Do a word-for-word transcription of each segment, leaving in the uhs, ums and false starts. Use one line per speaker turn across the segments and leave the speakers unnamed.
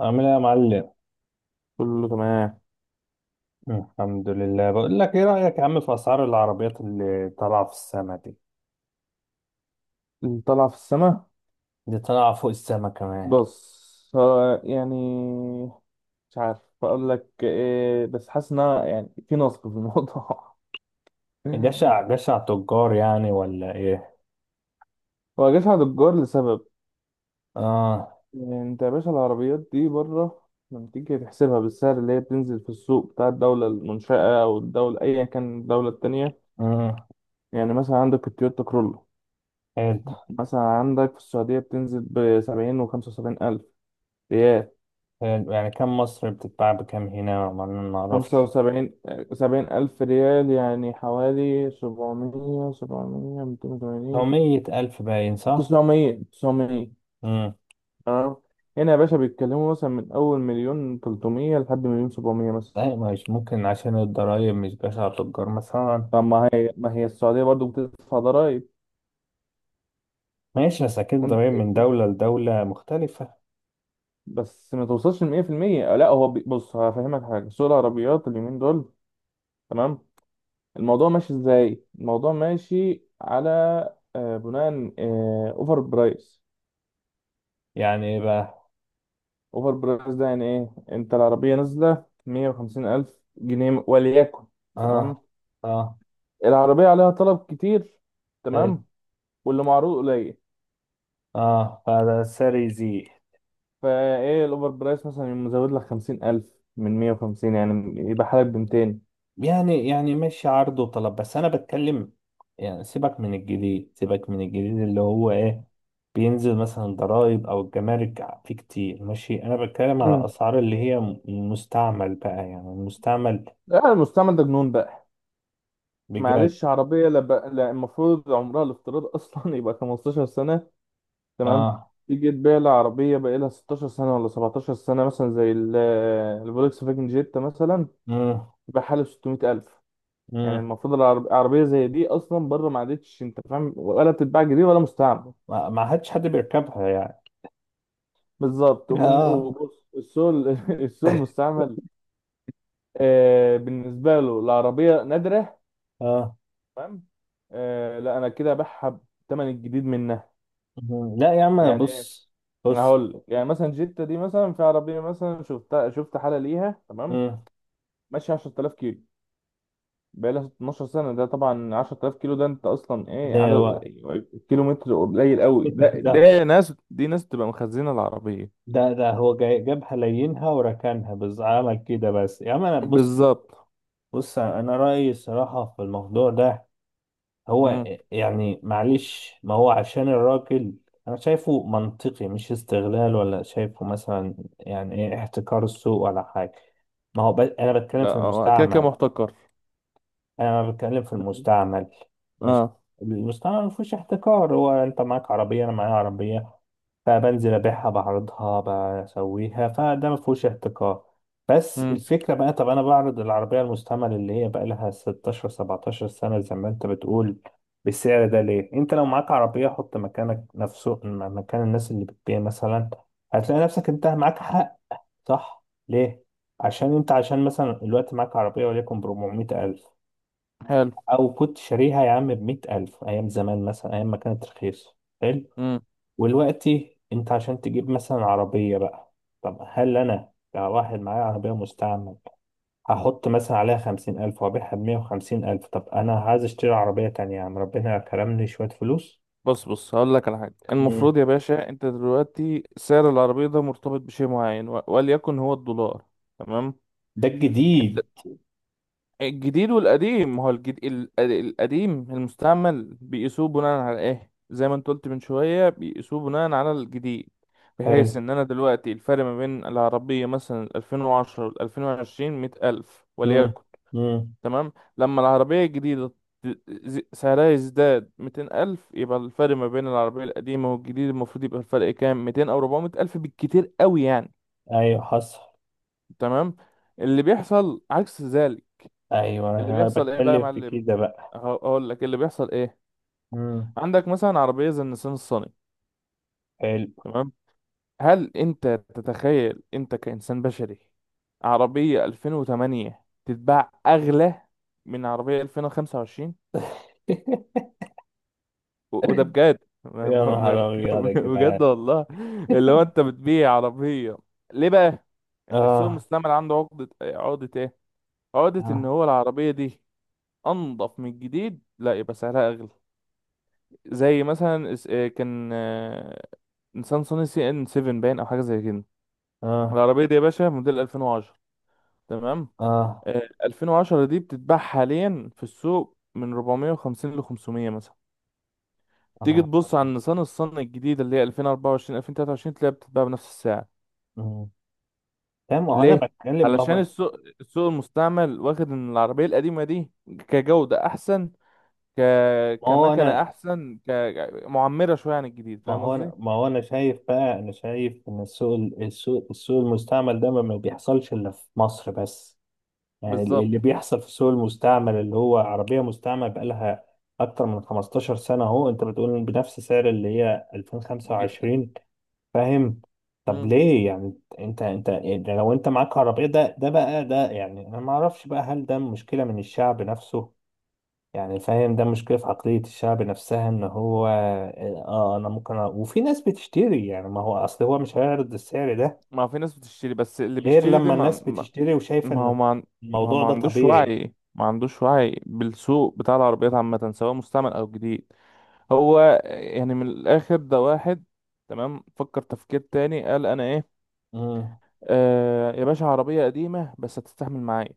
عامل ايه يا معلم؟
كله تمام.
الحمد لله. بقول لك ايه رأيك يا عم في اسعار العربيات اللي طالعه في السما دي؟
اللي طالع في السماء.
دي طالعه فوق السما كمان.
بص، هو يعني مش عارف اقول لك ايه، بس حاسس ان أنا يعني في نصب في الموضوع.
جشع جشع تجار يعني ولا ايه؟
هو جشع دجار لسبب.
اه.
يعني انت يا باشا، العربيات دي بره لما تيجي تحسبها بالسعر اللي هي بتنزل في السوق بتاع الدولة المنشأة أو الدولة، أيا كان الدولة التانية.
اه.
يعني مثلا عندك التويوتا كرولو،
حلو.
مثلا عندك في السعودية بتنزل بسبعين وخمسة وسبعين ألف ريال.
حلو، يعني كم مصر بتتباع بكم هنا ما
خمسة
نعرفش.
وسبعين، سبعين ألف ريال، يعني حوالي سبعمية سبعمية ميتين
لو
وتمانين،
مية ألف باين صح.
تسعمية تسعمية.
امم.
تمام. هنا يا باشا بيتكلموا مثلا من أول مليون تلتمية لحد مليون سبعمية مثلا.
لا، مش ممكن عشان الضرايب، مش جشع تجار مثلا.
طب ما هي ما هي السعودية برضو بتدفع ضرايب؟
ماشي، بس اكيد الضرايب
وانت-
من دولة لدولة مختلفة.
بس ما توصلش لمية في المية، لا هو بي- بص هفهمك حاجة. سوق العربيات اليومين دول، تمام، الموضوع ماشي ازاي؟ الموضوع ماشي على آه، بناء آه، اوفر برايس.
يعني بقى.
اوفر برايس ده يعني ايه؟ انت العربيه نازله مية وخمسين الف جنيه وليكن، تمام،
اه، اه.
العربيه عليها طلب كتير،
حلو.
تمام، واللي معروض قليل،
اه، هذا ساري زي.
فايه الاوفر برايس مثلا يقوم مزود لك خمسين الف. من مية وخمسين يعني يبقى حالك ب ميتين.
يعني يعني ماشي عرض وطلب، بس انا بتكلم. يعني سيبك من الجديد، سيبك من الجديد، اللي هو ايه؟ بينزل مثلا الضرايب او الجمارك فيه كتير. ماشي، انا بتكلم على
امم
اسعار اللي هي م- مستعمل بقى، يعني المستعمل.
لا، المستعمل ده جنون بقى.
بجد.
معلش، عربيه لا بقى، لا، المفروض عمرها الافتراضي اصلا يبقى خمستاشر سنه، تمام.
اه.
تيجي تبيع لي عربيه بقى لها ستاشر سنه ولا سبعتاشر سنه، مثلا زي ال- الفولكس فاجن جيتا مثلا
امم.
بحاله ستمية ألف. يعني
امم.
المفروض العرب- العربية زي دي أصلا بره ما عادتش، أنت فاهم، ولا بتتباع جديد ولا مستعمل.
ما ما حدش حد بيركبها يعني.
بالظبط. وبن...
اه.
وبص، السوق ال- السوق المستعمل آه بالنسبة له العربية نادرة،
اه.
تمام. آه لا، أنا كده أبيعها بالثمن الجديد منها.
مم. لا يا عم،
يعني إيه؟
بص.
أنا
بص.
هقول لك. يعني مثلا جيتا دي، مثلا في عربية مثلا شفتها، شفت حالة ليها تمام،
مم.
ماشية عشر تلاف كيلو بقالها اثنا عشر سنة. ده طبعا عشرة آلاف كيلو، ده انت اصلا ايه؟
ده
عدد
وقت.
كيلو متر قليل قوي. ده ده ناس دي ناس بتبقى مخزنة العربية.
ده ده هو جاي جابها لينها وركنها بس، عمل كده بس. يا عم انا بص.
بالظبط.
بص، انا رأيي الصراحة في الموضوع ده هو،
مم.
يعني معلش ما هو عشان الراجل. انا شايفه منطقي، مش استغلال، ولا شايفه مثلا يعني ايه، احتكار السوق ولا حاجة. ما هو ب... انا بتكلم
لا،
في
هو كده كده
المستعمل.
محتكر.
انا بتكلم في المستعمل. مش،
اه.
المستعمل ما فيهوش احتكار. هو انت معاك عربيه، انا معايا عربيه، فبنزل ابيعها بعرضها، بسويها، فده ما فيهوش احتكار. بس
مم.
الفكره بقى، طب انا بعرض العربيه المستعمل اللي هي بقى لها ستاشر سبعتاشر سنة سنه زي ما انت بتقول، بالسعر ده ليه؟ انت لو معاك عربيه، حط مكانك نفسه مكان الناس اللي بتبيع مثلا، هتلاقي نفسك انت معاك حق. صح ليه؟ عشان انت، عشان مثلا الوقت معاك عربيه وليكن ب أربعمائة ألف،
حلو.
او كنت شاريها يا عم بمئة ألف ايام زمان، مثلا ايام ما كانت رخيصة. حلو.
مم.
ودلوقتي انت عشان تجيب مثلا عربية بقى، طب هل انا كواحد معايا عربية مستعمل هحط مثلا عليها خمسين ألف وأبيعها بمية وخمسين ألف؟ طب أنا عايز أشتري عربية تانية يعني، ربنا كرمني شوية فلوس.
بص بص هقول لك على حاجة.
مم.
المفروض يا باشا انت دلوقتي سعر العربية ده مرتبط بشيء معين، و- وليكن هو الدولار، تمام.
ده
انت
الجديد.
الجديد والقديم، ما هو الجد... ال- القديم المستعمل بيقيسوه بناء على ايه؟ زي ما انت قلت من شوية، بيقيسوه بناء على الجديد. بحيث
حلو.
ان انا دلوقتي الفرق ما بين العربية مثلا ألفين وعشرة وال ألفين وعشرين مية ألف
مم.
وليكن،
مم.
تمام. لما العربية الجديدة ت- ز- سعرها يزداد ميتين ألف، يبقى الفرق ما بين العربية القديمة والجديد المفروض يبقى الفرق كام؟ ميتين أو ربعمية ألف بالكتير قوي يعني،
أيوة حصل.
تمام. اللي بيحصل عكس ذلك.
أيوة،
اللي
أنا
بيحصل ايه بقى يا
بتكلم في
معلم؟
كده بقى.
هق- هقول لك اللي بيحصل ايه.
مم.
عندك مثلا عربيه زي النسان الصني،
حلو.
تمام. هل انت تتخيل انت كانسان بشري عربيه ألفين وتمانية تتباع اغلى من عربيه ألفين وخمسة وعشرين؟ و- وده بجد. ما
يا
ب- ما
نهار
بك-
أبيض يا
بجد
جدعان!
والله. اللي هو انت بتبيع عربيه، ليه بقى؟ السوق
آه.
المستعمل عنده عقده، عقده ايه؟ عقده ان
آه.
هو العربيه دي انضف من الجديد، لا يبقى سعرها اغلى. زي مثلا اس- آه، كان آه، نيسان صني سي ان سبعة باين او حاجه زي كده.
اه.
العربيه دي يا باشا موديل ألفين وعشرة، تمام.
اه.
آه، ألفين وعشرة دي بتتباع حاليا في السوق من ربعمية وخمسين ل خمسمية مثلا. تيجي
اللهم صل على
تبص على
النبي.
نيسان الصني الجديده اللي هي ألفين وأربعة وعشرين ألفين وتلاتة وعشرين، تلاقيها بتتباع بنفس السعر.
مم. تمام، ما هو انا
ليه؟
بتكلم. ما
علشان
هو
السوق، السوق المستعمل واخد ان العربيه القديمه دي كجوده احسن، ك
ما هو
كمكنه
انا
احسن، كمعمره شويه عن الجديد،
ما
فاهم
هو
قصدي؟
انا ما هو انا شايف بقى، انا شايف ان السوق ال- السوق السوق المستعمل ده ما ما بيحصلش الا في مصر بس. يعني ال-
بالظبط.
اللي بيحصل في السوق المستعمل، اللي هو عربية مستعمل بقالها اكتر من 15 سنة، اهو انت بتقول بنفس سعر اللي هي
ج-
ألفين وخمسة وعشرين. فاهم؟ طب ليه؟ يعني انت، انت يعني لو انت معاك عربية، ده ده بقى ده يعني انا ما اعرفش بقى، هل ده مشكلة من الشعب نفسه؟ يعني فاهم، ده مشكلة في عقلية الشعب نفسها ان هو اه، انا ممكن أ... وفي ناس بتشتري يعني، ما هو اصل هو مش هيعرض السعر ده
ما في ناس بتشتري، بس اللي
غير
بيشتري ده
لما
ما
الناس
ما
بتشتري وشايفة
ما هو
ان
ما, عن- ما هو
الموضوع
ما
ده
عندوش
طبيعي.
وعي، ما عندوش وعي بالسوق بتاع العربيات عامة، سواء مستعمل أو جديد. هو يعني من الآخر ده واحد، تمام، فكر تفكير تاني، قال أنا إيه؟
امم.
آه يا باشا عربية قديمة بس هتستحمل معايا.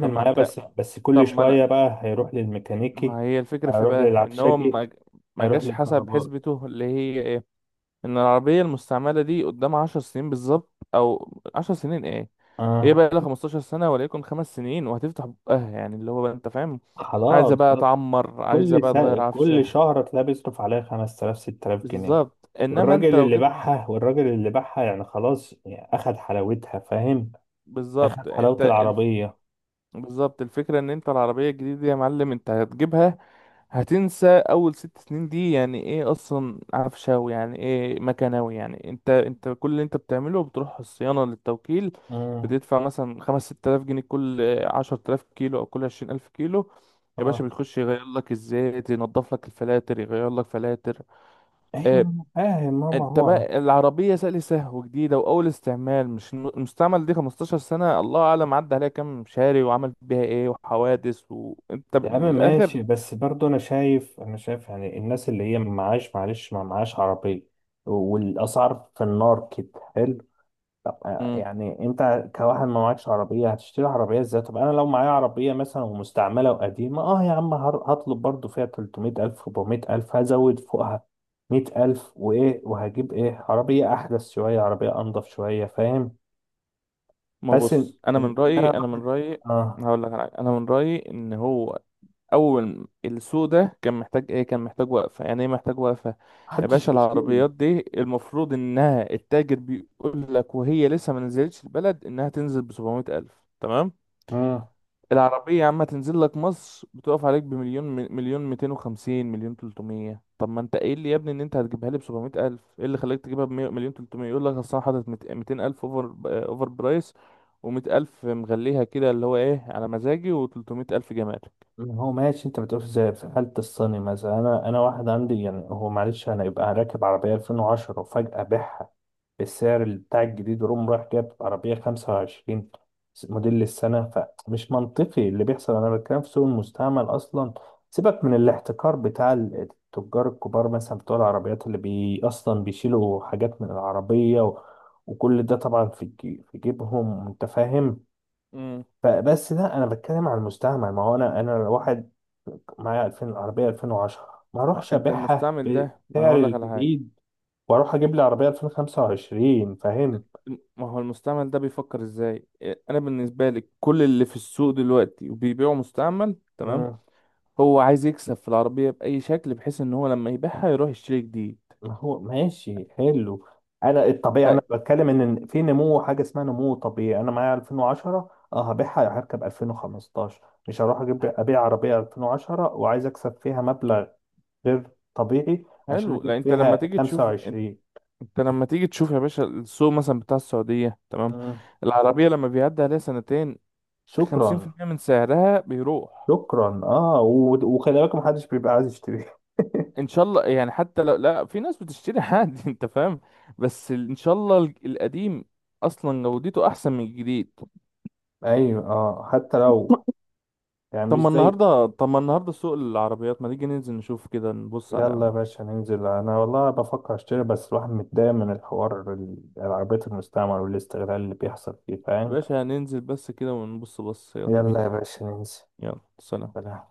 طب ما
معاه،
أنت
بس بس
طب
كل
ما
شوية
أنا
بقى هيروح للميكانيكي.
ما هي الفكرة في
هيروح
بقى إن هو
للعفشاجي.
ما ما
هيروح
جاش حسب
للكهربائي.
حسبته، اللي هي ان العربية المستعملة دي قدام عشر سنين بالظبط، او عشر سنين، ايه؟ هي
اه.
بقى لها خمسة عشر سنة وليكن خمس سنين وهتفتح بقها، يعني اللي هو بقى، انت فاهم، عايزة
خلاص
بقى
خلاص.
تعمر، عايزة
كل
بقى
سا...
تغير
كل
عفشها.
شهر تلاقيه بيصرف عليها خمس آلاف ست آلاف جنيه.
بالظبط، انما انت
والراجل
لو
اللي
جبت.
باعها، والراجل اللي باعها، يعني خلاص يعني اخد حلاوتها فاهم، اخد
بالظبط،
حلاوة
انت الف...
العربية.
بالظبط، الفكرة ان انت العربية الجديدة دي يا معلم، انت هتجيبها هتنسى اول ست سنين دي، يعني ايه اصلا عفشاوي، يعني ايه مكناوي، يعني انت انت كل اللي انت بتعمله بتروح الصيانة للتوكيل،
اه.
بتدفع مثلا خمس ست الاف جنيه كل عشر تلاف كيلو او كل عشرين الف كيلو. يا باشا
اه.
بيخش يغير لك الزيت، ينضف لك الفلاتر، يغير لك فلاتر.
ايوه
اه.
أنا فاهم، ماما
انت
هو.
بقى العربية سأل سهو وجديدة واول استعمال، مش م- المستعمل دي خمستاشر سنة الله اعلم عدى عليها كام شاري وعمل بيها ايه وحوادث، وانت
يا
ب-
عم
من الاخر.
ماشي، بس برضه انا شايف، انا شايف يعني الناس اللي هي ما معاش، معلش ما معاش عربية، والاسعار في النار كده. حلو. طب آه، يعني انت كواحد ما معكش عربية هتشتري عربية ازاي؟ طب انا لو معايا عربية مثلا ومستعملة وقديمة اه يا عم، هر- هطلب برضه فيها تلتمية الف أربعمائة الف، هزود فوقها مية الف، وايه، وهجيب ايه عربية احدث شوية، عربية انضف شوية، فاهم؟
ما
بس ان،
بص، انا من
إن انا
رايي انا من رايي
آه.
هقول لك على حاجه. انا من رايي ان هو اول السوق ده كان محتاج ايه؟ كان محتاج وقفه. يعني ايه محتاج وقفه؟ يا
محدش
باشا
بيشتري.
العربيات دي المفروض انها التاجر بيقول لك وهي لسه ما نزلتش البلد انها تنزل ب سبعمية ألف، تمام.
اه،
العربية عم تنزل لك مصر بتقف عليك بمليون، مليون ميتين وخمسين، مليون تلتمية. طب ما انت قايل لي يا ابني ان انت هتجيبها لي ب سبعمية الف، ايه اللي خلاك تجيبها ب مية مليون تلتمية؟ يقول لك اصل انا حاطط ميتين الف اوفر، اوفر برايس، و100 الف مغليها كده اللي هو ايه على مزاجي، و300 الف جمال.
هو ماشي انت بتقول زي في حالة الصيني مثلا. انا انا واحد عندي يعني هو، معلش انا يبقى راكب عربية ألفين وعشرة وفجأة بيعها بالسعر بتاع الجديد، روم رايح جاب عربية خمسة وعشرين، موديل السنة، فمش منطقي اللي بيحصل. أنا بتكلم في سوق المستعمل أصلا. سيبك من الاحتكار بتاع التجار الكبار، مثلا بتوع العربيات، اللي بي أصلا بيشيلوا حاجات من العربية و... وكل ده طبعا في جي... في جيبهم أنت فاهم.
امم
فبس ده أنا بتكلم على المستعمل. ما هو أنا، أنا لو واحد معايا الألفين العربية ألفين وعشرة ما
ما هو
أروحش
انت
أبيعها
المستعمل ده ما انا
بسعر
هقول لك على حاجه.
الجديد واروح اجيب لي عربيه ألفين وخمسة وعشرين فاهم.
ما هو المستعمل ده بيفكر ازاي؟ إيه، انا بالنسبه لي كل اللي في السوق دلوقتي وبيبيعوا مستعمل، تمام،
مم.
هو عايز يكسب في العربية بأي شكل بحيث ان هو لما يبيعها يروح يشتري جديد.
ما هو ماشي، حلو. انا الطبيعي
ح-
انا بتكلم، ان في نمو، حاجه اسمها نمو طبيعي. انا معايا ألفين وعشرة اه هبيعها هركب ألفين وخمستاشر. مش هروح اجيب ابيع عربيه ألفين وعشرة وعايز اكسب فيها مبلغ غير طبيعي عشان
حلو.
اجيب
لا انت لما
فيها
تيجي تشوف انت،
خمسة وعشرين.
انت لما تيجي تشوف يا باشا السوق مثلا بتاع السعودية، تمام.
مم.
العربية لما بيعدي عليها سنتين، خمسين في
شكرا.
المية من سعرها بيروح.
شكرا. اه، و- وخلي بالك محدش بيبقى عايز يشتري.
ان شاء الله يعني، حتى لو لا، في ناس بتشتري عادي. انت فاهم، بس ال- ان شاء الله الج- القديم اصلا جودته احسن من الجديد.
ايوه، اه حتى لو، يعني
طب
مش
ما
زي.
النهارده طب ما النهارده سوق العربيات، ما نيجي ننزل نشوف كده؟ نبص على، يا
يلا يا باشا ننزل، انا والله بفكر اشتري، بس الواحد متضايق من الحوار، ال- العربيات المستعمل والاستغلال اللي بيحصل فيه فاهم.
باشا هننزل بس كده ونبص. بص يلا بينا.
يلا يا باشا ننزل.
يلا سلام.
سلام.